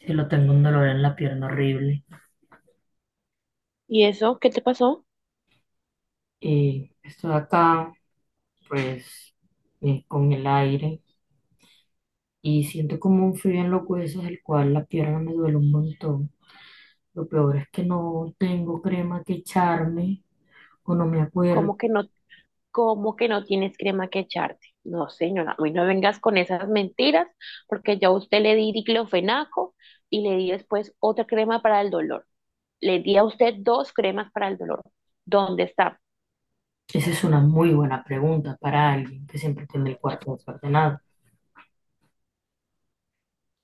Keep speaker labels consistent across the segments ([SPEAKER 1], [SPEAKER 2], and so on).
[SPEAKER 1] Sí, lo tengo un dolor en la pierna horrible.
[SPEAKER 2] ¿Y eso qué te pasó?
[SPEAKER 1] Y estoy acá, pues, con el aire y siento como un frío en los huesos, el cual la pierna me duele un montón. Lo peor es que no tengo crema que echarme o no me acuerdo.
[SPEAKER 2] ¿Cómo que no, cómo que no tienes crema que echarte? No, señora, hoy no vengas con esas mentiras, porque yo a usted le di diclofenaco y le di después otra crema para el dolor. Le di a usted dos cremas para el dolor. ¿Dónde está?
[SPEAKER 1] Esa es una muy buena pregunta para alguien que siempre tiene el cuarto desordenado.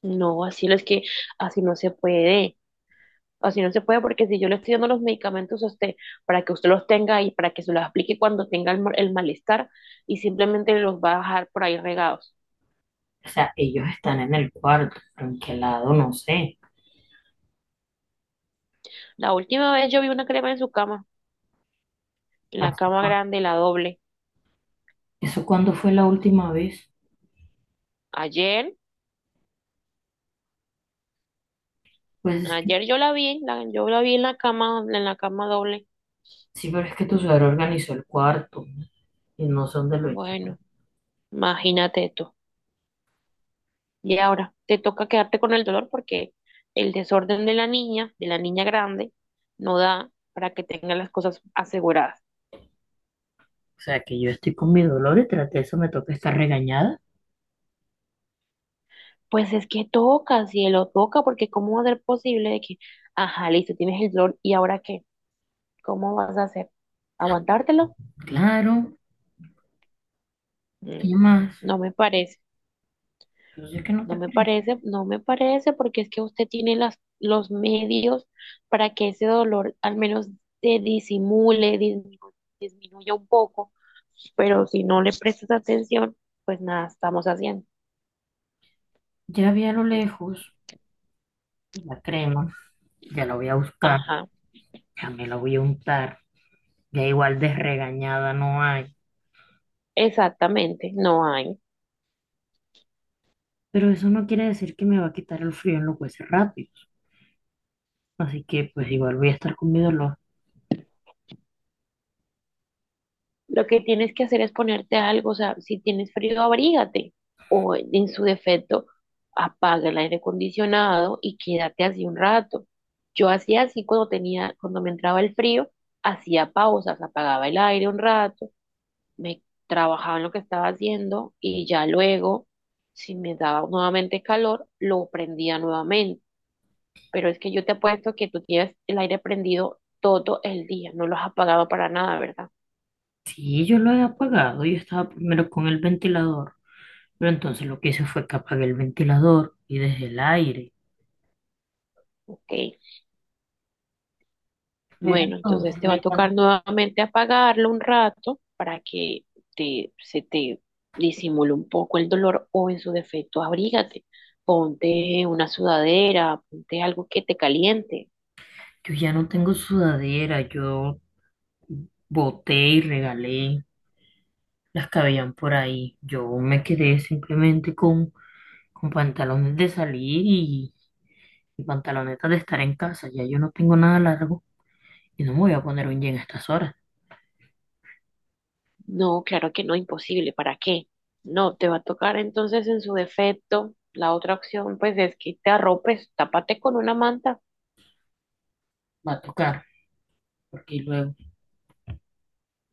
[SPEAKER 2] No, así no es que así no se puede. Así no se puede porque si yo le estoy dando los medicamentos a usted para que usted los tenga y para que se los aplique cuando tenga el malestar y simplemente los va a dejar por ahí regados.
[SPEAKER 1] O sea, ellos están en el cuarto, pero en qué lado, no sé.
[SPEAKER 2] La última vez yo vi una crema en su cama. La
[SPEAKER 1] Así
[SPEAKER 2] cama
[SPEAKER 1] cua-
[SPEAKER 2] grande, la doble.
[SPEAKER 1] ¿Eso cuándo fue la última vez?
[SPEAKER 2] Ayer,
[SPEAKER 1] Pues
[SPEAKER 2] ayer yo la vi, yo la vi en la cama doble.
[SPEAKER 1] sí, pero es que tu suegro organizó el cuarto y no sé dónde lo echó.
[SPEAKER 2] Bueno, imagínate tú. Y ahora te toca quedarte con el dolor porque el desorden de la niña grande, no da para que tenga las cosas aseguradas.
[SPEAKER 1] O sea, que yo estoy con mi dolor y tras de eso me toca estar regañada.
[SPEAKER 2] Pues es que toca, cielo, toca, porque ¿cómo va a ser posible de que, ajá, listo, tienes el dolor y ahora qué? ¿Cómo vas a hacer? ¿Aguantártelo?
[SPEAKER 1] Claro, ¿qué
[SPEAKER 2] Mm,
[SPEAKER 1] más?
[SPEAKER 2] no me parece.
[SPEAKER 1] Yo sé que no
[SPEAKER 2] No
[SPEAKER 1] te
[SPEAKER 2] me
[SPEAKER 1] parece.
[SPEAKER 2] parece, no me parece, porque es que usted tiene los medios para que ese dolor al menos se disimule, disminuya un poco, pero si no le prestas atención, pues nada estamos haciendo.
[SPEAKER 1] Ya vi a lo lejos la crema. Ya la voy a buscar,
[SPEAKER 2] Ajá,
[SPEAKER 1] ya me la voy a untar. Ya igual de regañada no hay.
[SPEAKER 2] exactamente, no hay.
[SPEAKER 1] Pero eso no quiere decir que me va a quitar el frío en los huesos rápidos. Así que pues igual voy a estar con mi dolor.
[SPEAKER 2] Lo que tienes que hacer es ponerte algo, o sea, si tienes frío, abrígate o en su defecto, apaga el aire acondicionado y quédate así un rato. Yo hacía así cuando tenía, cuando me entraba el frío, hacía pausas, apagaba el aire un rato, me trabajaba en lo que estaba haciendo y ya luego, si me daba nuevamente calor, lo prendía nuevamente. Pero es que yo te apuesto que tú tienes el aire prendido todo el día, no lo has apagado para nada, ¿verdad?
[SPEAKER 1] Sí, yo lo he apagado, yo estaba primero con el ventilador. Pero entonces lo que hice fue que apagué el ventilador y dejé el aire.
[SPEAKER 2] Ok.
[SPEAKER 1] Pero
[SPEAKER 2] Bueno, entonces
[SPEAKER 1] entonces
[SPEAKER 2] te va a
[SPEAKER 1] le
[SPEAKER 2] tocar
[SPEAKER 1] cam-
[SPEAKER 2] nuevamente apagarlo un rato para que se te disimule un poco el dolor o en su defecto abrígate, ponte una sudadera, ponte algo que te caliente.
[SPEAKER 1] yo ya no tengo sudadera, yo boté y regalé las que habían por ahí. Yo me quedé simplemente con pantalones de salir y pantalonetas de estar en casa. Ya yo no tengo nada largo y no me voy a poner un jean a estas horas.
[SPEAKER 2] No, claro que no, imposible, ¿para qué? No, te va a tocar entonces en su defecto. La otra opción pues es que te arropes, tápate con una manta.
[SPEAKER 1] Va a tocar, porque luego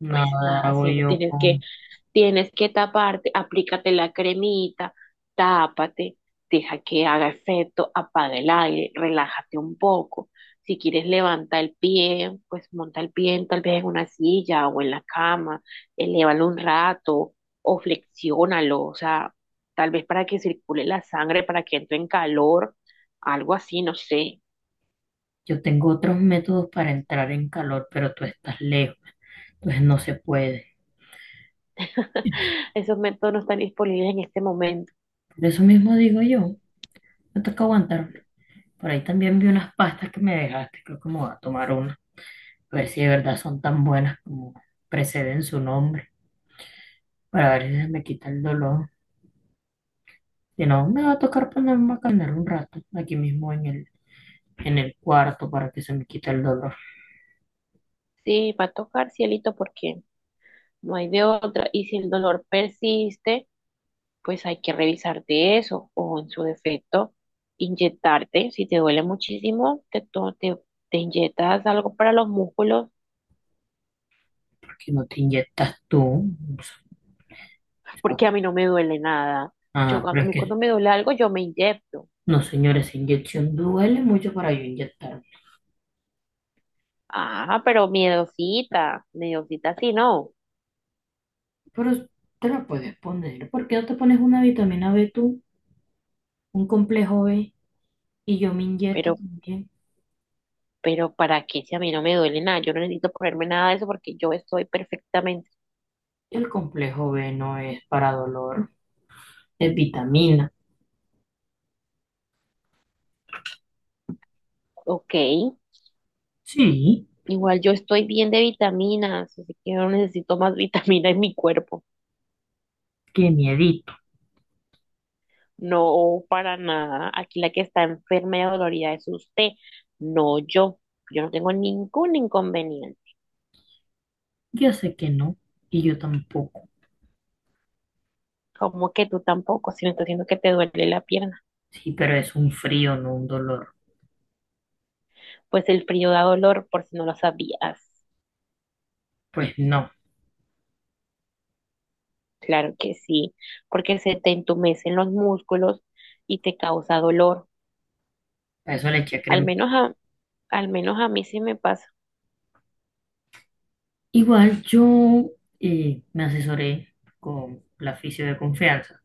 [SPEAKER 2] Pues
[SPEAKER 1] nada
[SPEAKER 2] nada,
[SPEAKER 1] hago
[SPEAKER 2] cielo,
[SPEAKER 1] yo
[SPEAKER 2] tienes que
[SPEAKER 1] con...
[SPEAKER 2] tienes que taparte, aplícate la cremita, tápate, deja que haga efecto, apaga el aire, relájate un poco. Si quieres levanta el pie, pues monta el pie tal vez en una silla o en la cama, elévalo un rato o flexiónalo, o sea, tal vez para que circule la sangre, para que entre en calor, algo así, no sé.
[SPEAKER 1] Yo tengo otros métodos para entrar en calor, pero tú estás lejos, entonces no se puede.
[SPEAKER 2] Esos métodos no están disponibles en este momento.
[SPEAKER 1] De eso mismo digo yo, me toca aguantar. Por ahí también vi unas pastas que me dejaste, creo que me voy a tomar una, a ver si de verdad son tan buenas como preceden su nombre, para ver si se me quita el dolor. Si no, me va a tocar ponerme a caminar un rato, aquí mismo en el cuarto, para que se me quite el dolor,
[SPEAKER 2] Sí, va a tocar, cielito, porque no hay de otra. Y si el dolor persiste, pues hay que revisarte eso o en su defecto, inyectarte. Si te duele muchísimo, te inyectas algo para los músculos,
[SPEAKER 1] porque no te inyectas tú. O sea,
[SPEAKER 2] porque a mí no me duele nada. Yo,
[SPEAKER 1] ah, pero
[SPEAKER 2] a
[SPEAKER 1] es
[SPEAKER 2] mí cuando
[SPEAKER 1] que,
[SPEAKER 2] me duele algo, yo me inyecto.
[SPEAKER 1] no señores, esa inyección duele mucho para yo inyectarme.
[SPEAKER 2] Ah, pero miedosita, miedosita sí, no.
[SPEAKER 1] Pero te la puedes poner, ¿por qué no te pones una vitamina B tú, un complejo B? Y yo me inyecto
[SPEAKER 2] Pero,
[SPEAKER 1] también.
[SPEAKER 2] pero ¿para qué si a mí no me duele nada? Yo no necesito ponerme nada de eso porque yo estoy perfectamente
[SPEAKER 1] El complejo B no es para dolor, es vitamina.
[SPEAKER 2] ok.
[SPEAKER 1] Sí,
[SPEAKER 2] Igual yo estoy bien de vitaminas, así que yo no necesito más vitamina en mi cuerpo.
[SPEAKER 1] qué miedito.
[SPEAKER 2] No, para nada. Aquí la que está enferma y dolorida es usted, no yo. Yo no tengo ningún inconveniente.
[SPEAKER 1] Ya sé que no, y yo tampoco.
[SPEAKER 2] Como que tú tampoco, si me estás diciendo que te duele la pierna.
[SPEAKER 1] Sí, pero es un frío, no un dolor.
[SPEAKER 2] Pues el frío da dolor, por si no lo sabías.
[SPEAKER 1] Pues no,
[SPEAKER 2] Claro que sí, porque se te entumecen los músculos y te causa dolor.
[SPEAKER 1] a eso le eché
[SPEAKER 2] Al
[SPEAKER 1] crema.
[SPEAKER 2] menos a, al menos a mí sí me pasa,
[SPEAKER 1] Igual yo me asesoré con la fisio de confianza.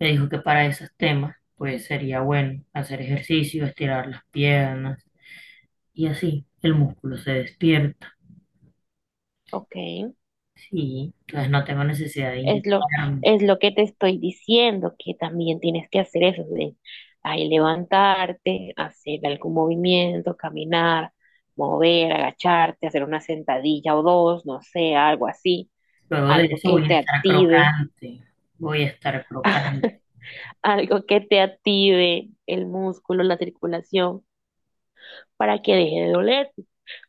[SPEAKER 1] Me dijo que para esos temas, pues sería bueno hacer ejercicio, estirar las piernas y así el músculo se despierta.
[SPEAKER 2] ¿ok?
[SPEAKER 1] Sí, entonces no tengo necesidad de
[SPEAKER 2] Es lo,
[SPEAKER 1] inyectarme.
[SPEAKER 2] es lo que te estoy diciendo, que también tienes que hacer eso de ahí levantarte, hacer algún movimiento, caminar, mover, agacharte, hacer una sentadilla o dos, no sé, algo así,
[SPEAKER 1] Luego de
[SPEAKER 2] algo
[SPEAKER 1] eso voy
[SPEAKER 2] que
[SPEAKER 1] a
[SPEAKER 2] te
[SPEAKER 1] estar
[SPEAKER 2] active,
[SPEAKER 1] crocante, voy a estar crocante.
[SPEAKER 2] algo que te active el músculo, la circulación, para que deje de doler.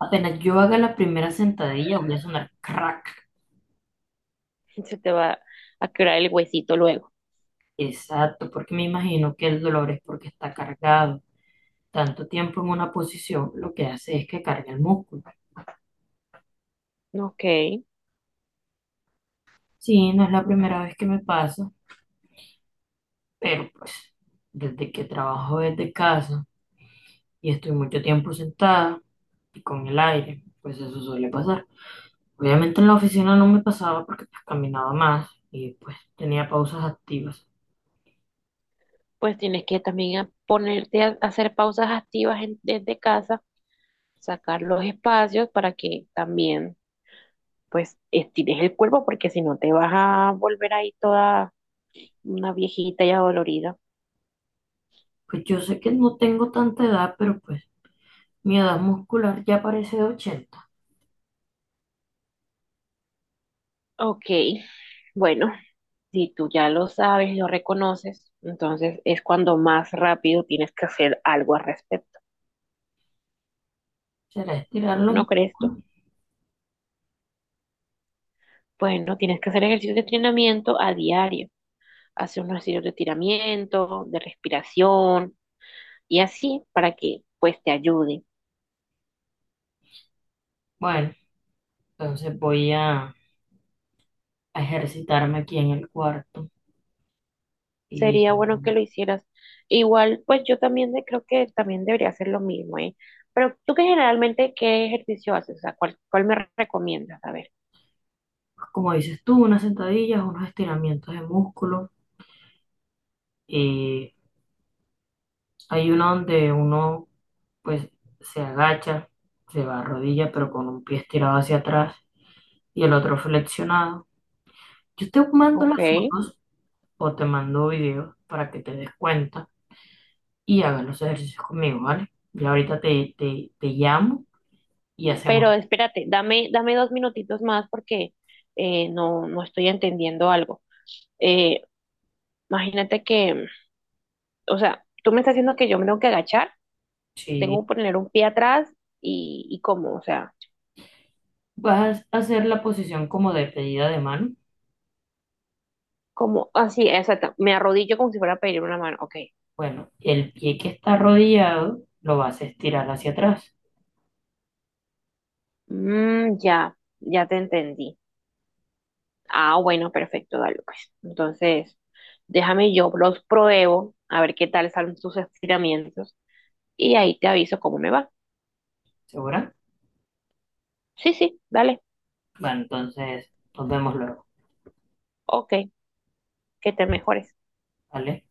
[SPEAKER 1] Apenas yo haga la primera sentadilla voy a sonar crack.
[SPEAKER 2] Se te va a quebrar el huesito luego.
[SPEAKER 1] Exacto, porque me imagino que el dolor es porque está cargado. Tanto tiempo en una posición lo que hace es que cargue el músculo.
[SPEAKER 2] ¿No? Ok,
[SPEAKER 1] Sí, no es la primera vez que me pasa, pero pues desde que trabajo desde casa y estoy mucho tiempo sentada y con el aire, pues eso suele pasar. Obviamente en la oficina no me pasaba porque pues caminaba más y pues tenía pausas activas.
[SPEAKER 2] pues tienes que también ponerte a hacer pausas activas desde casa, sacar los espacios para que también pues estires el cuerpo porque si no te vas a volver ahí toda una viejita y adolorida.
[SPEAKER 1] Pues yo sé que no tengo tanta edad, pero pues mi edad muscular ya parece de 80.
[SPEAKER 2] Ok, bueno, si tú ya lo sabes, lo reconoces, entonces es cuando más rápido tienes que hacer algo al respecto.
[SPEAKER 1] ¿Será estirar los
[SPEAKER 2] ¿No crees tú?
[SPEAKER 1] músculos?
[SPEAKER 2] Bueno, tienes que hacer ejercicios de entrenamiento a diario. Hace unos ejercicios de tiramiento, de respiración y así para que pues te ayude.
[SPEAKER 1] Bueno, entonces voy a ejercitarme aquí en el cuarto. Y
[SPEAKER 2] Sería bueno que
[SPEAKER 1] pues,
[SPEAKER 2] lo hicieras. E igual, pues yo también creo que también debería hacer lo mismo, ¿eh? Pero tú que generalmente, ¿qué ejercicio haces? O sea, ¿cuál, cuál me recomiendas? A ver.
[SPEAKER 1] como dices tú, unas sentadillas, unos estiramientos de músculo. Eh, hay uno donde uno pues se agacha, se va a rodilla, pero con un pie estirado hacia atrás y el otro flexionado. Yo te mando
[SPEAKER 2] Ok,
[SPEAKER 1] las fotos o te mando videos para que te des cuenta y hagan los ejercicios conmigo, ¿vale? Ya ahorita te llamo y hacemos.
[SPEAKER 2] pero espérate, dame, dame dos minutitos más porque no, no estoy entendiendo algo. Eh, imagínate que, o sea, tú me estás diciendo que yo me tengo que agachar, tengo
[SPEAKER 1] Si
[SPEAKER 2] que poner un pie atrás y cómo, o sea.
[SPEAKER 1] vas a hacer la posición como de pedida de mano,
[SPEAKER 2] Como, así, exacto. Me arrodillo como si fuera a pedir una mano. Ok.
[SPEAKER 1] bueno, el pie que está arrodillado lo vas a estirar hacia atrás,
[SPEAKER 2] Mm, ya, ya te entendí. Ah, bueno, perfecto, dale, pues. Entonces, déjame yo los pruebo, a ver qué tal salen sus estiramientos. Y ahí te aviso cómo me va.
[SPEAKER 1] ¿segura?
[SPEAKER 2] Sí, sí, dale.
[SPEAKER 1] Bueno, entonces nos vemos luego,
[SPEAKER 2] Ok, que te mejores.
[SPEAKER 1] ¿vale?